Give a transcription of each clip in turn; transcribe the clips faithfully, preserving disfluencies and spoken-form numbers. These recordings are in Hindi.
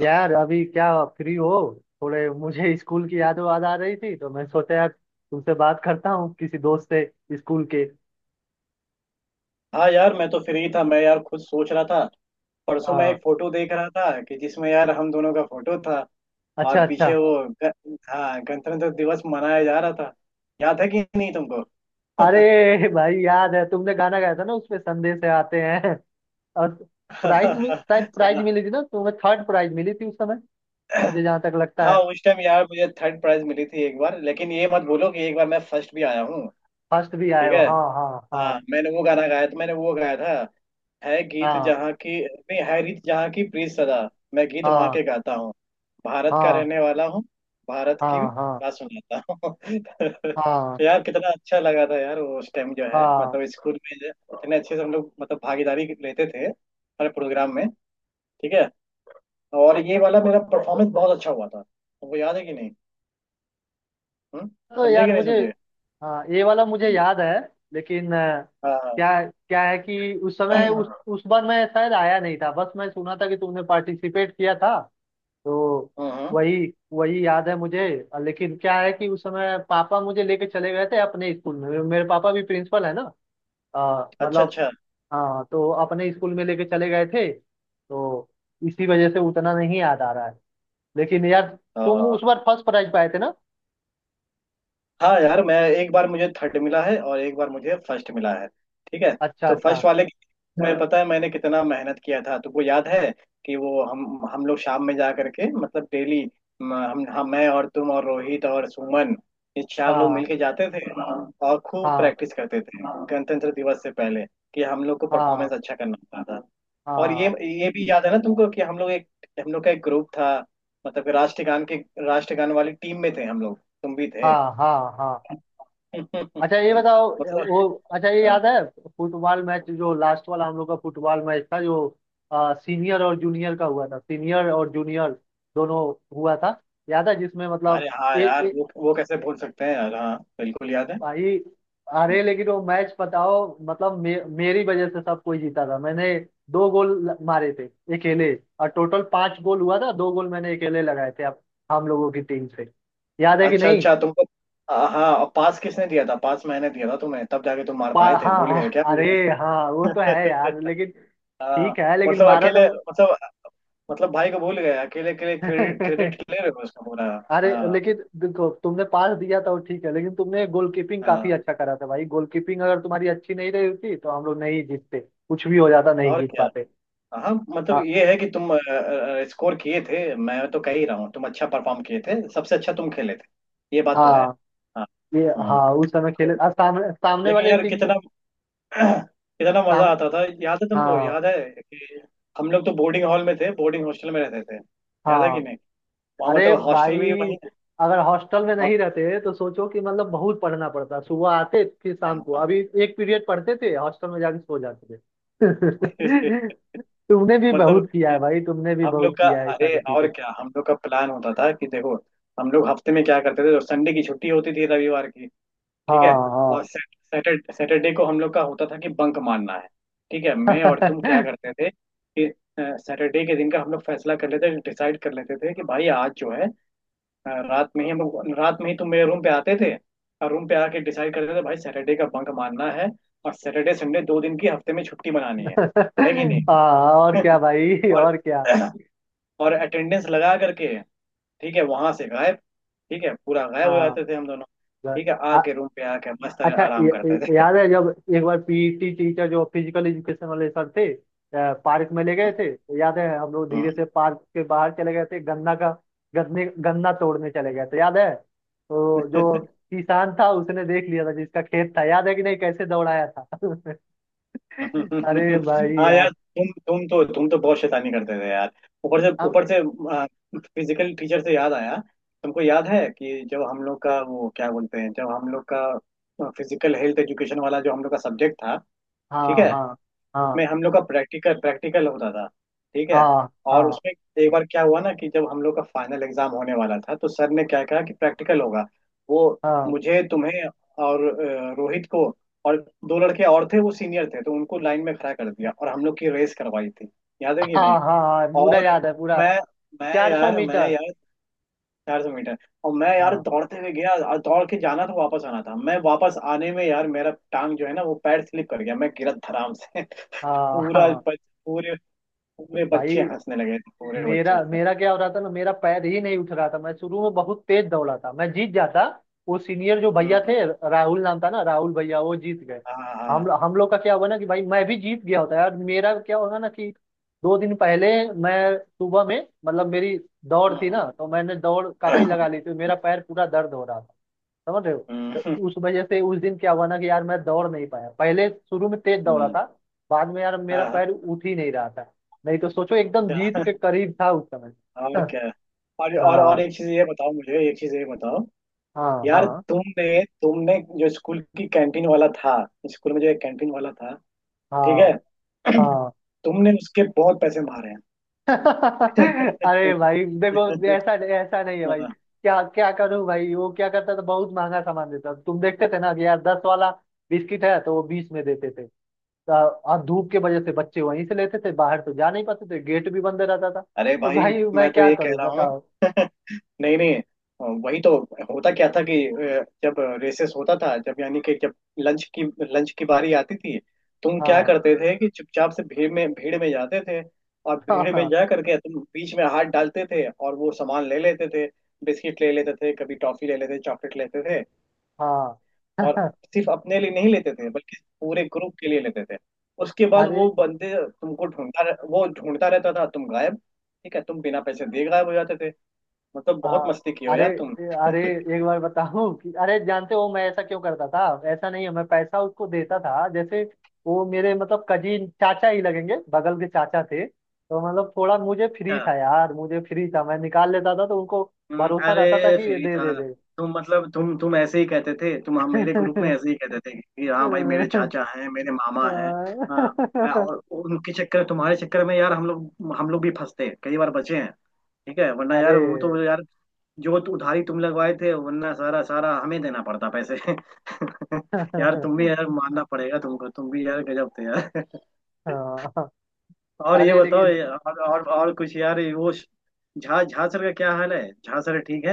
यार, अभी क्या फ्री हो? थोड़े मुझे स्कूल की याद वाद आ रही थी तो मैं सोचा यार तुमसे बात करता हूँ किसी दोस्त से स्कूल के। हाँ यार, मैं तो फ्री था। मैं यार खुद सोच रहा था। परसों मैं हाँ। एक फोटो देख रहा था कि जिसमें यार हम दोनों का फोटो था। और अच्छा अच्छा। पीछे वो ग, हाँ, गणतंत्र दिवस मनाया जा रहा था। याद है कि नहीं तुमको? अरे भाई याद है तुमने गाना गाया था ना उसमें संदेश आते हैं। और प्राइज मिल शायद प्राइज मिली थी ना तुम्हें, थर्ड प्राइज मिली थी उस समय, मुझे जहाँ तक लगता हाँ, है। उस टाइम यार मुझे थर्ड प्राइज मिली थी एक बार। लेकिन ये मत बोलो कि एक बार मैं फर्स्ट भी आया हूँ। फर्स्ट भी आए ठीक हो, है। हाँ हाँ, हाँ। मैंने वो गाना गाया था, मैंने वो गाया था। है गीत हाँ जहाँ की, नहीं है रीत जहाँ की, प्रीत सदा मैं गीत वहाँ हाँ के गाता हूँ, भारत का हाँ रहने वाला हूँ, भारत हाँ की हाँ हाँ बात सुनाता हूँ। हाँ यार कितना अच्छा लगा था यार वो, उस टाइम जो है हाँ। मतलब स्कूल में जो- इतने अच्छे से हम लोग मतलब भागीदारी लेते थे हर प्रोग्राम में। ठीक है। और ये वाला मेरा परफॉर्मेंस बहुत अच्छा हुआ था, तुमको याद है कि नहीं? हम्म। तो समझे यार कि नहीं मुझे, समझे? हाँ ये वाला मुझे हम्म, याद है। लेकिन अ, हाँ हाँ। क्या क्या है कि उस समय उस उस बार मैं शायद आया नहीं था, बस मैं सुना था कि तुमने पार्टिसिपेट किया था तो। हाँ हाँ। वही, वही याद है मुझे। अ, लेकिन क्या है कि उस समय पापा मुझे लेके चले गए थे अपने स्कूल में, मेरे पापा भी प्रिंसिपल है ना। अ, अच्छा मतलब, अच्छा। हाँ, तो अपने स्कूल में लेके चले गए थे तो इसी वजह से उतना नहीं याद आ रहा है। लेकिन यार तुम हाँ। उस बार फर्स्ट प्राइज पाए थे ना। हाँ यार, मैं एक बार मुझे थर्ड मिला है और एक बार मुझे फर्स्ट मिला है। ठीक है। अच्छा तो अच्छा। फर्स्ट वाले में, हाँ पता है मैंने कितना मेहनत किया था, तुमको याद है? कि वो हम हम लोग शाम में जा करके मतलब डेली, हम हम हाँ, मैं और तुम और रोहित और सुमन, ये चार लोग हाँ मिलके जाते थे। और खूब हाँ प्रैक्टिस करते थे गणतंत्र दिवस से पहले, कि हम लोग को हाँ परफॉर्मेंस अच्छा करना होता था। और ये हाँ ये भी याद है ना तुमको, कि हम लोग एक, हम लोग का एक ग्रुप था। मतलब कि राष्ट्रगान के, राष्ट्रगान वाली टीम में थे हम लोग, तुम भी थे। हाँ हाँ हाँ। अच्छा ये बताओ, मतलब वो, अच्छा ये अ, याद है, फुटबॉल मैच जो लास्ट वाला हम लोग का फुटबॉल मैच था जो, आ, सीनियर और जूनियर का हुआ था, सीनियर और जूनियर दोनों हुआ था, याद है जिसमें अरे मतलब, हाँ ये यार, ये वो वो कैसे भूल सकते हैं यार, हाँ बिल्कुल याद है। भाई, अरे लेकिन वो मैच बताओ। मतलब मे, मेरी वजह से सब कोई जीता था। मैंने दो गोल ल- मारे थे अकेले। और टोटल पांच गोल हुआ था, दो गोल मैंने अकेले लगाए थे अब, हम लोगों की टीम से। याद है कि अच्छा नहीं? अच्छा, तुमको अ, हाँ, पास किसने दिया था? पास मैंने दिया था तुम्हें, तब जाके तुम मार पा- पाए थे, हाँ भूल गए हाँ, क्या अरे मुझे? हाँ, वो तो है यार, लेकिन हाँ, ठीक है, लेकिन मतलब मारा अकेले तो। मतलब, मतलब भाई को भूल गए, अकेले अकेले क्रेडिट, क्रेडिट ले रहे हो उसका पूरा। अरे हाँ लेकिन देखो तुमने पास दिया था, वो ठीक है, लेकिन तुमने गोलकीपिंग हाँ, काफी अच्छा करा था भाई। गोलकीपिंग अगर तुम्हारी अच्छी नहीं रही होती तो हम लोग नहीं जीतते, कुछ भी हो जाता, नहीं और जीत क्या। पाते। हाँ मतलब हाँ ये है कि तुम स्कोर किए थे, मैं तो कह ही रहा हूँ, तुम अच्छा परफॉर्म किए थे, सबसे अच्छा तुम खेले थे, ये बात तो है। हाँ, हाँ ये हाँ, उस समय हाँ। खेले आ, सामने, सामने लेकिन वाले यार, टीम। कितना कितना मजा साम आता था, याद है तुमको? हाँ याद है कि हम लोग तो बोर्डिंग हॉल में थे, बोर्डिंग हॉस्टल में रहते थे, याद है कि हाँ। नहीं, वहाँ अरे मतलब भाई, हॉस्टल भी वही है। अगर हॉस्टल में हाँ नहीं रहते तो सोचो कि मतलब बहुत पढ़ना पड़ता, सुबह आते फिर शाम को हाँ। अभी एक पीरियड पढ़ते थे, हॉस्टल में जाके सो जाते थे। तुमने भी बहुत मतलब किया है भाई, तुमने भी हम बहुत लोग का, किया है ये अरे सारी चीजें। और क्या, हम लोग का प्लान होता था कि देखो हम लोग हफ्ते में क्या करते थे, तो संडे की छुट्टी होती थी रविवार की। ठीक है। हाँ और सैटरडे सैटरडे को हम लोग का होता था कि बंक मारना है। ठीक है, मैं और तुम क्या हाँ। करते थे कि सैटरडे के दिन का हम लोग फैसला कर लेते, डिसाइड कर लेते थे कि भाई आज जो है, हाँ, रात में ही हम लोग रात में ही तुम मेरे रूम पे आते थे। और रूम पे आके डिसाइड करते थे भाई सैटरडे का बंक मारना है। और सैटरडे संडे दो दिन की हफ्ते में छुट्टी मनानी है है कि नहीं? हाँ, और क्या भाई, और और क्या। और अटेंडेंस लगा करके, ठीक है वहां से गायब, ठीक है पूरा गायब हो हाँ, जाते थे हम दोनों, बस। ठीक है आ- आके रूम पे आके मस्त अच्छा, आराम य- करते य- थे। याद है जब एक बार पीटी टीचर, जो फिजिकल एजुकेशन वाले सर थे, अ, पार्क में ले गए थे, तो याद है हम लोग हाँ। धीरे से पार्क के बाहर चले गए थे गन्ना का गन्ने गन्ना तोड़ने चले गए थे, याद है? तो जो किसान था उसने देख लिया था, जिसका खेत था, याद है कि नहीं कैसे दौड़ाया था। अरे भाई हाँ यार, यार, तुम तुम तो तुम तो बहुत शैतानी करते थे यार, ऊपर से अब। ऊपर से। फिजिकल टीचर से याद आया, तुमको याद है कि जब हम लोग का वो क्या बोलते हैं, जब हम लोग का फिजिकल हेल्थ एजुकेशन वाला जो हम लोग का सब्जेक्ट था, ठीक हाँ है, हाँ हाँ में हम लोग का प्रैक्टिकल, प्रैक्टिकल होता था। ठीक है, हाँ और हाँ उसमें एक बार क्या हुआ ना, कि जब हम लोग का फाइनल एग्जाम होने वाला था, तो सर ने क्या कहा कि प्रैक्टिकल होगा, वो, हाँ मुझे, तुम्हें और अ, रोहित को, और दो लड़के और थे वो सीनियर थे, तो उनको लाइन में खड़ा कर दिया और हम लोग की रेस करवाई थी, याद है हाँ कि नहीं? हाँ हाँ, पूरा और याद है, पूरा। मैं मैं चार सौ यार मैं मीटर यार चार सौ मीटर, और मैं यार हाँ दौड़ते हुए गया और दौड़ के जाना था, वापस आना था। मैं वापस आने में यार मेरा टांग जो है ना, वो पैर स्लिप कर गया, मैं गिरा धड़ाम से। हाँ पूरा हाँ। बच, पूरे पूरे भाई बच्चे हंसने लगे थे, पूरे बच्चे मेरा हंसने लगे। मेरा क्या हो रहा था ना, मेरा पैर ही नहीं उठ रहा था। मैं शुरू में बहुत तेज दौड़ा था, मैं जीत जाता। वो सीनियर जो हम्म भैया हम्म, थे, राहुल नाम था ना, राहुल भैया, वो जीत गए। हाँ हाँ, हम हम लोग का क्या हुआ ना कि भाई मैं भी जीत गया होता यार। मेरा क्या होगा ना कि दो दिन पहले मैं सुबह में मतलब, मेरी दौड़ थी ना, तो मैंने दौड़ काफी लगा ली थी। मेरा पैर पूरा दर्द हो रहा था, समझ रहे हो। हम्म हम्म, तो उस वजह से उस दिन क्या हुआ ना कि यार मैं दौड़ नहीं पाया। पहले शुरू में तेज दौड़ा हम्म, था, बाद में यार मेरा हाँ हाँ। पैर उठ ही नहीं रहा था। नहीं तो सोचो, एकदम जीत अच्छा, के करीब था उस समय। और क्या। और और और हाँ एक चीज ये बताओ मुझे, एक चीज ये बताओ हाँ यार, हाँ तुमने तुमने जो स्कूल की कैंटीन वाला था, स्कूल में जो एक कैंटीन वाला था, ठीक हाँ है। हाँ। तुमने उसके बहुत पैसे मारे हैं। अरे भाई देखो, ऐसा ऐसा नहीं है भाई, हाँ, क्या क्या करूं भाई? वो क्या करता था, बहुत महंगा सामान देता था। तुम देखते थे ना कि यार दस वाला बिस्किट है तो वो बीस में देते थे। और धूप के वजह से बच्चे वहीं से लेते थे, बाहर तो जा नहीं पाते थे, गेट भी बंद रहता था। अरे तो भाई भाई मैं मैं तो क्या ये कह करूं रहा हूँ। बताओ। नहीं नहीं, अ, वही तो होता क्या था कि अ, जब रेसेस होता था, जब यानी कि जब लंच की लंच की बारी आती थी, तुम क्या हाँ करते थे कि चुपचाप से भीड़ में, भीड़ में जाते थे। और हाँ भीड़ में हाँ जा करके तुम बीच में हाथ डालते थे, और वो सामान ले लेते थे, बिस्किट ले लेते थे, कभी टॉफी ले लेते थे, चॉकलेट लेते थे। हाँ। और सिर्फ अपने लिए नहीं लेते थे, बल्कि पूरे ग्रुप के लिए लेते थे। उसके बाद अरे वो बंदे तुमको ढूंढता रह- वो ढूंढता रहता था, तुम गायब, ठीक है तुम बिना पैसे दिए गायब हो जाते थे। मतलब बहुत हाँ, मस्ती की हो अरे यार तुम। अरे, एक बार बताऊं कि अरे जानते हो मैं ऐसा क्यों करता था? ऐसा नहीं है, मैं पैसा उसको देता था। जैसे वो मेरे मतलब कजीन चाचा ही लगेंगे, बगल के चाचा थे, तो मतलब थोड़ा मुझे फ्री अच्छा, था यार, मुझे फ्री था, मैं निकाल लेता था, तो उनको हम्म, भरोसा रहता था अरे कि ये फिर ही दे था। दे तुम मतलब तुम तुम ऐसे ही कहते थे, तुम हम मेरे ग्रुप में ऐसे ही कहते थे कि दे। हाँ भाई मेरे चाचा हैं, मेरे मामा हैं। हाँ, अरे, और उनके चक्कर तुम्हारे चक्कर में यार, हम लोग हम लोग भी फंसते हैं, कई बार बचे हैं। ठीक है, वरना यार वो तो यार, जो तु- उधारी तुम लगवाए थे, वरना सारा सारा हमें देना पड़ता पैसे। यार तुम भी यार, मानना पड़ेगा तुमको, तुम भी यार गजब थे यार। हाँ, और ये अरे बताओ लेकिन, ये- और और, और कुछ यार, ये वो श- झा झा सर का क्या हाल है? झा सर ठीक है?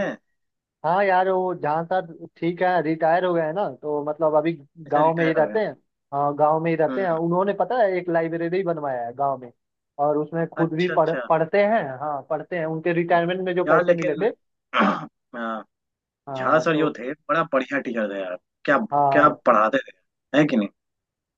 हाँ यार वो जहाँ साहब ठीक है, रिटायर हो गए हैं ना, तो मतलब अभी अच्छा, गांव में ही रिटायर हो गए? रहते हैं। हाँ, गांव में ही रहते हम्म। हैं, उन्होंने पता है एक लाइब्रेरी बनवाया है गांव में। और उसमें खुद भी अच्छा पढ़ अच्छा। पढ़ते हैं, हाँ पढ़ते हैं, उनके हम्म। रिटायरमेंट में जो यार पैसे मिले लेकिन थे। हाँ, झा हाँ, सर जो तो थे बड़ा बढ़िया टीचर थे यार। क्या क्या हाँ पढ़ाते थे, है कि नहीं?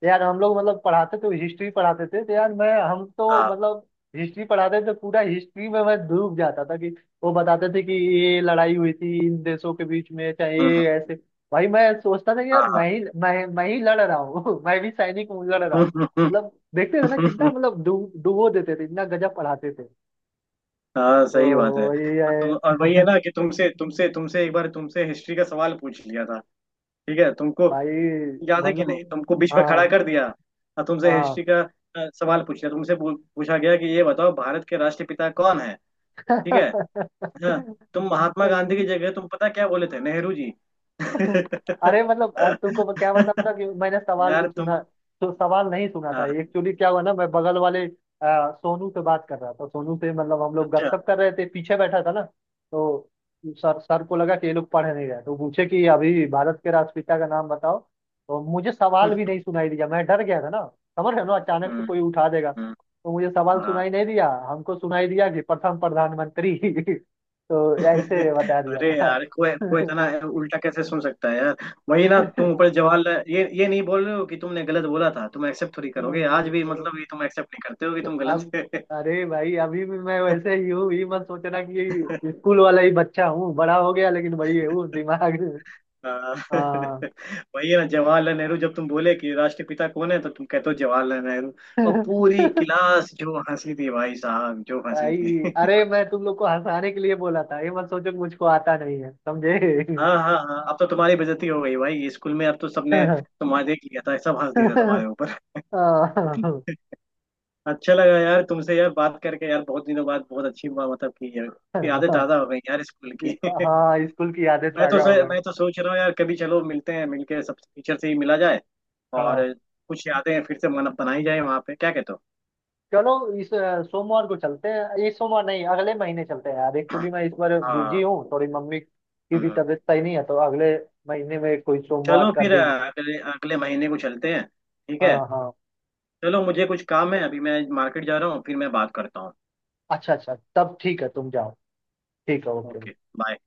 यार, हम लोग मतलब पढ़ाते तो हिस्ट्री पढ़ाते थे, तो यार मैं हम तो हाँ, मतलब, हिस्ट्री पढ़ाते थे तो पूरा हिस्ट्री में मैं डूब जाता था कि, वो बताते थे कि ये लड़ाई हुई थी इन देशों के बीच में, चाहे हम्म, ये ऐसे। भाई मैं सोचता था कि हाँ यार हाँ। मैं ही मैं मैं ही लड़ रहा हूँ। मैं भी सैनिक हूँ, लड़ रहा हूँ, मतलब देखते थे ना कितना मतलब डूब डुबो देते थे, इतना गजब पढ़ाते थे। हाँ सही बात तो है। वही और है तुम, और वही है ना कि तुमसे तुमसे तुमसे एक बार तुमसे हिस्ट्री का सवाल पूछ लिया था, ठीक है, तुमको भाई, याद है कि नहीं? मतलब। तुमको बीच में खड़ा हाँ कर दिया, और तुमसे हिस्ट्री का अ, सवाल पूछ लिया, तुमसे पू- पूछा गया कि ये बताओ भारत के राष्ट्रपिता कौन है? ठीक है, हाँ। हाँ, तुम महात्मा गांधी की जगह तुम पता क्या बोले थे? नेहरू जी। अरे मतलब, अब तुमको मैं क्या बताऊं ना कि मैंने सवाल भी यार सुना, तुम, तो सवाल नहीं सुना था, हाँ, एक्चुअली क्या हुआ ना, मैं बगल वाले अ, सोनू से बात कर रहा था, सोनू से मतलब हम लोग अच्छा, गपशप कर रहे थे, पीछे बैठा था ना। तो सर सर को लगा कि ये लोग पढ़ नहीं रहे, तो पूछे कि अभी भारत के राष्ट्रपिता का नाम बताओ। तो मुझे सवाल हम्म भी नहीं सुनाई दिया, मैं डर गया था ना, समझ रहे हो ना, अचानक से हम्म, कोई उठा देगा। हम्म, तो मुझे सवाल हाँ। सुनाई नहीं दिया, हमको सुनाई दिया कि प्रथम प्रधानमंत्री, तो ऐसे बता दिया अरे था। यार, कोई कोई इतना उल्टा कैसे सुन सकता है यार। वही ना, तुम ऊपर जवाहरलाल, ये ये नहीं बोल रहे हो कि तुमने गलत बोला था, तुम एक्सेप्ट थोड़ी करोगे आज भी, हम्म, मतलब ये तुम एक्सेप्ट नहीं करते हो कि तुम गलत। अब, अरे भाई अभी भी मैं वैसे ही हूँ, ये मत सोचना कि स्कूल वाला ही बच्चा हूँ, बड़ा हो गया लेकिन वही हूँ दिमाग। हाँ। हाँ। वही है ना जवाहरलाल नेहरू, जब तुम बोले कि राष्ट्रपिता कौन है तो तुम कहते हो जवाहरलाल नेहरू। और पूरी क्लास जो हंसी थी भाई साहब, जो हंसी भाई थी। अरे मैं तुम लोग को हंसाने के लिए बोला था, ये मत सोचो कि मुझको आता नहीं है, समझे। हाँ हाँ हाँ, अब तो तुम्हारी बेइज्जती हो गई भाई स्कूल में, अब तो सबने हाँ। तुम्हारे देख लिया था, सब हंस दिए थे तुम्हारे ऊपर। अच्छा लगा यार तुमसे यार बात करके यार, बहुत दिनों बाद बहुत अच्छी बात मतलब की यार। यादें ताजा हो गई यार स्कूल की। हाँ, स्कूल की यादें मैं तो ताजा हो सर, गई। मैं तो सोच रहा हूँ यार, कभी चलो मिलते हैं, मिलके सब टीचर से ही मिला जाए। हाँ। और कुछ यादें फिर से मन बनाई जाए वहाँ पे, क्या कहते हो? चलो, इस अ, सोमवार को चलते हैं, इस सोमवार नहीं, अगले महीने चलते हैं यार। एक्चुअली मैं इस बार बिजी हाँ हूँ थोड़ी, मम्मी की भी हाँ। तबीयत सही नहीं है, तो अगले महीने में कोई सोमवार चलो का फिर दिन। अ, अगले अगले महीने को चलते हैं। ठीक है। हाँ हाँ। चलो मुझे कुछ काम है, अभी मैं मार्केट जा रहा हूँ, फिर मैं बात करता हूँ। अच्छा अच्छा, तब ठीक है, तुम जाओ। ठीक है, ओके। Okay, bye.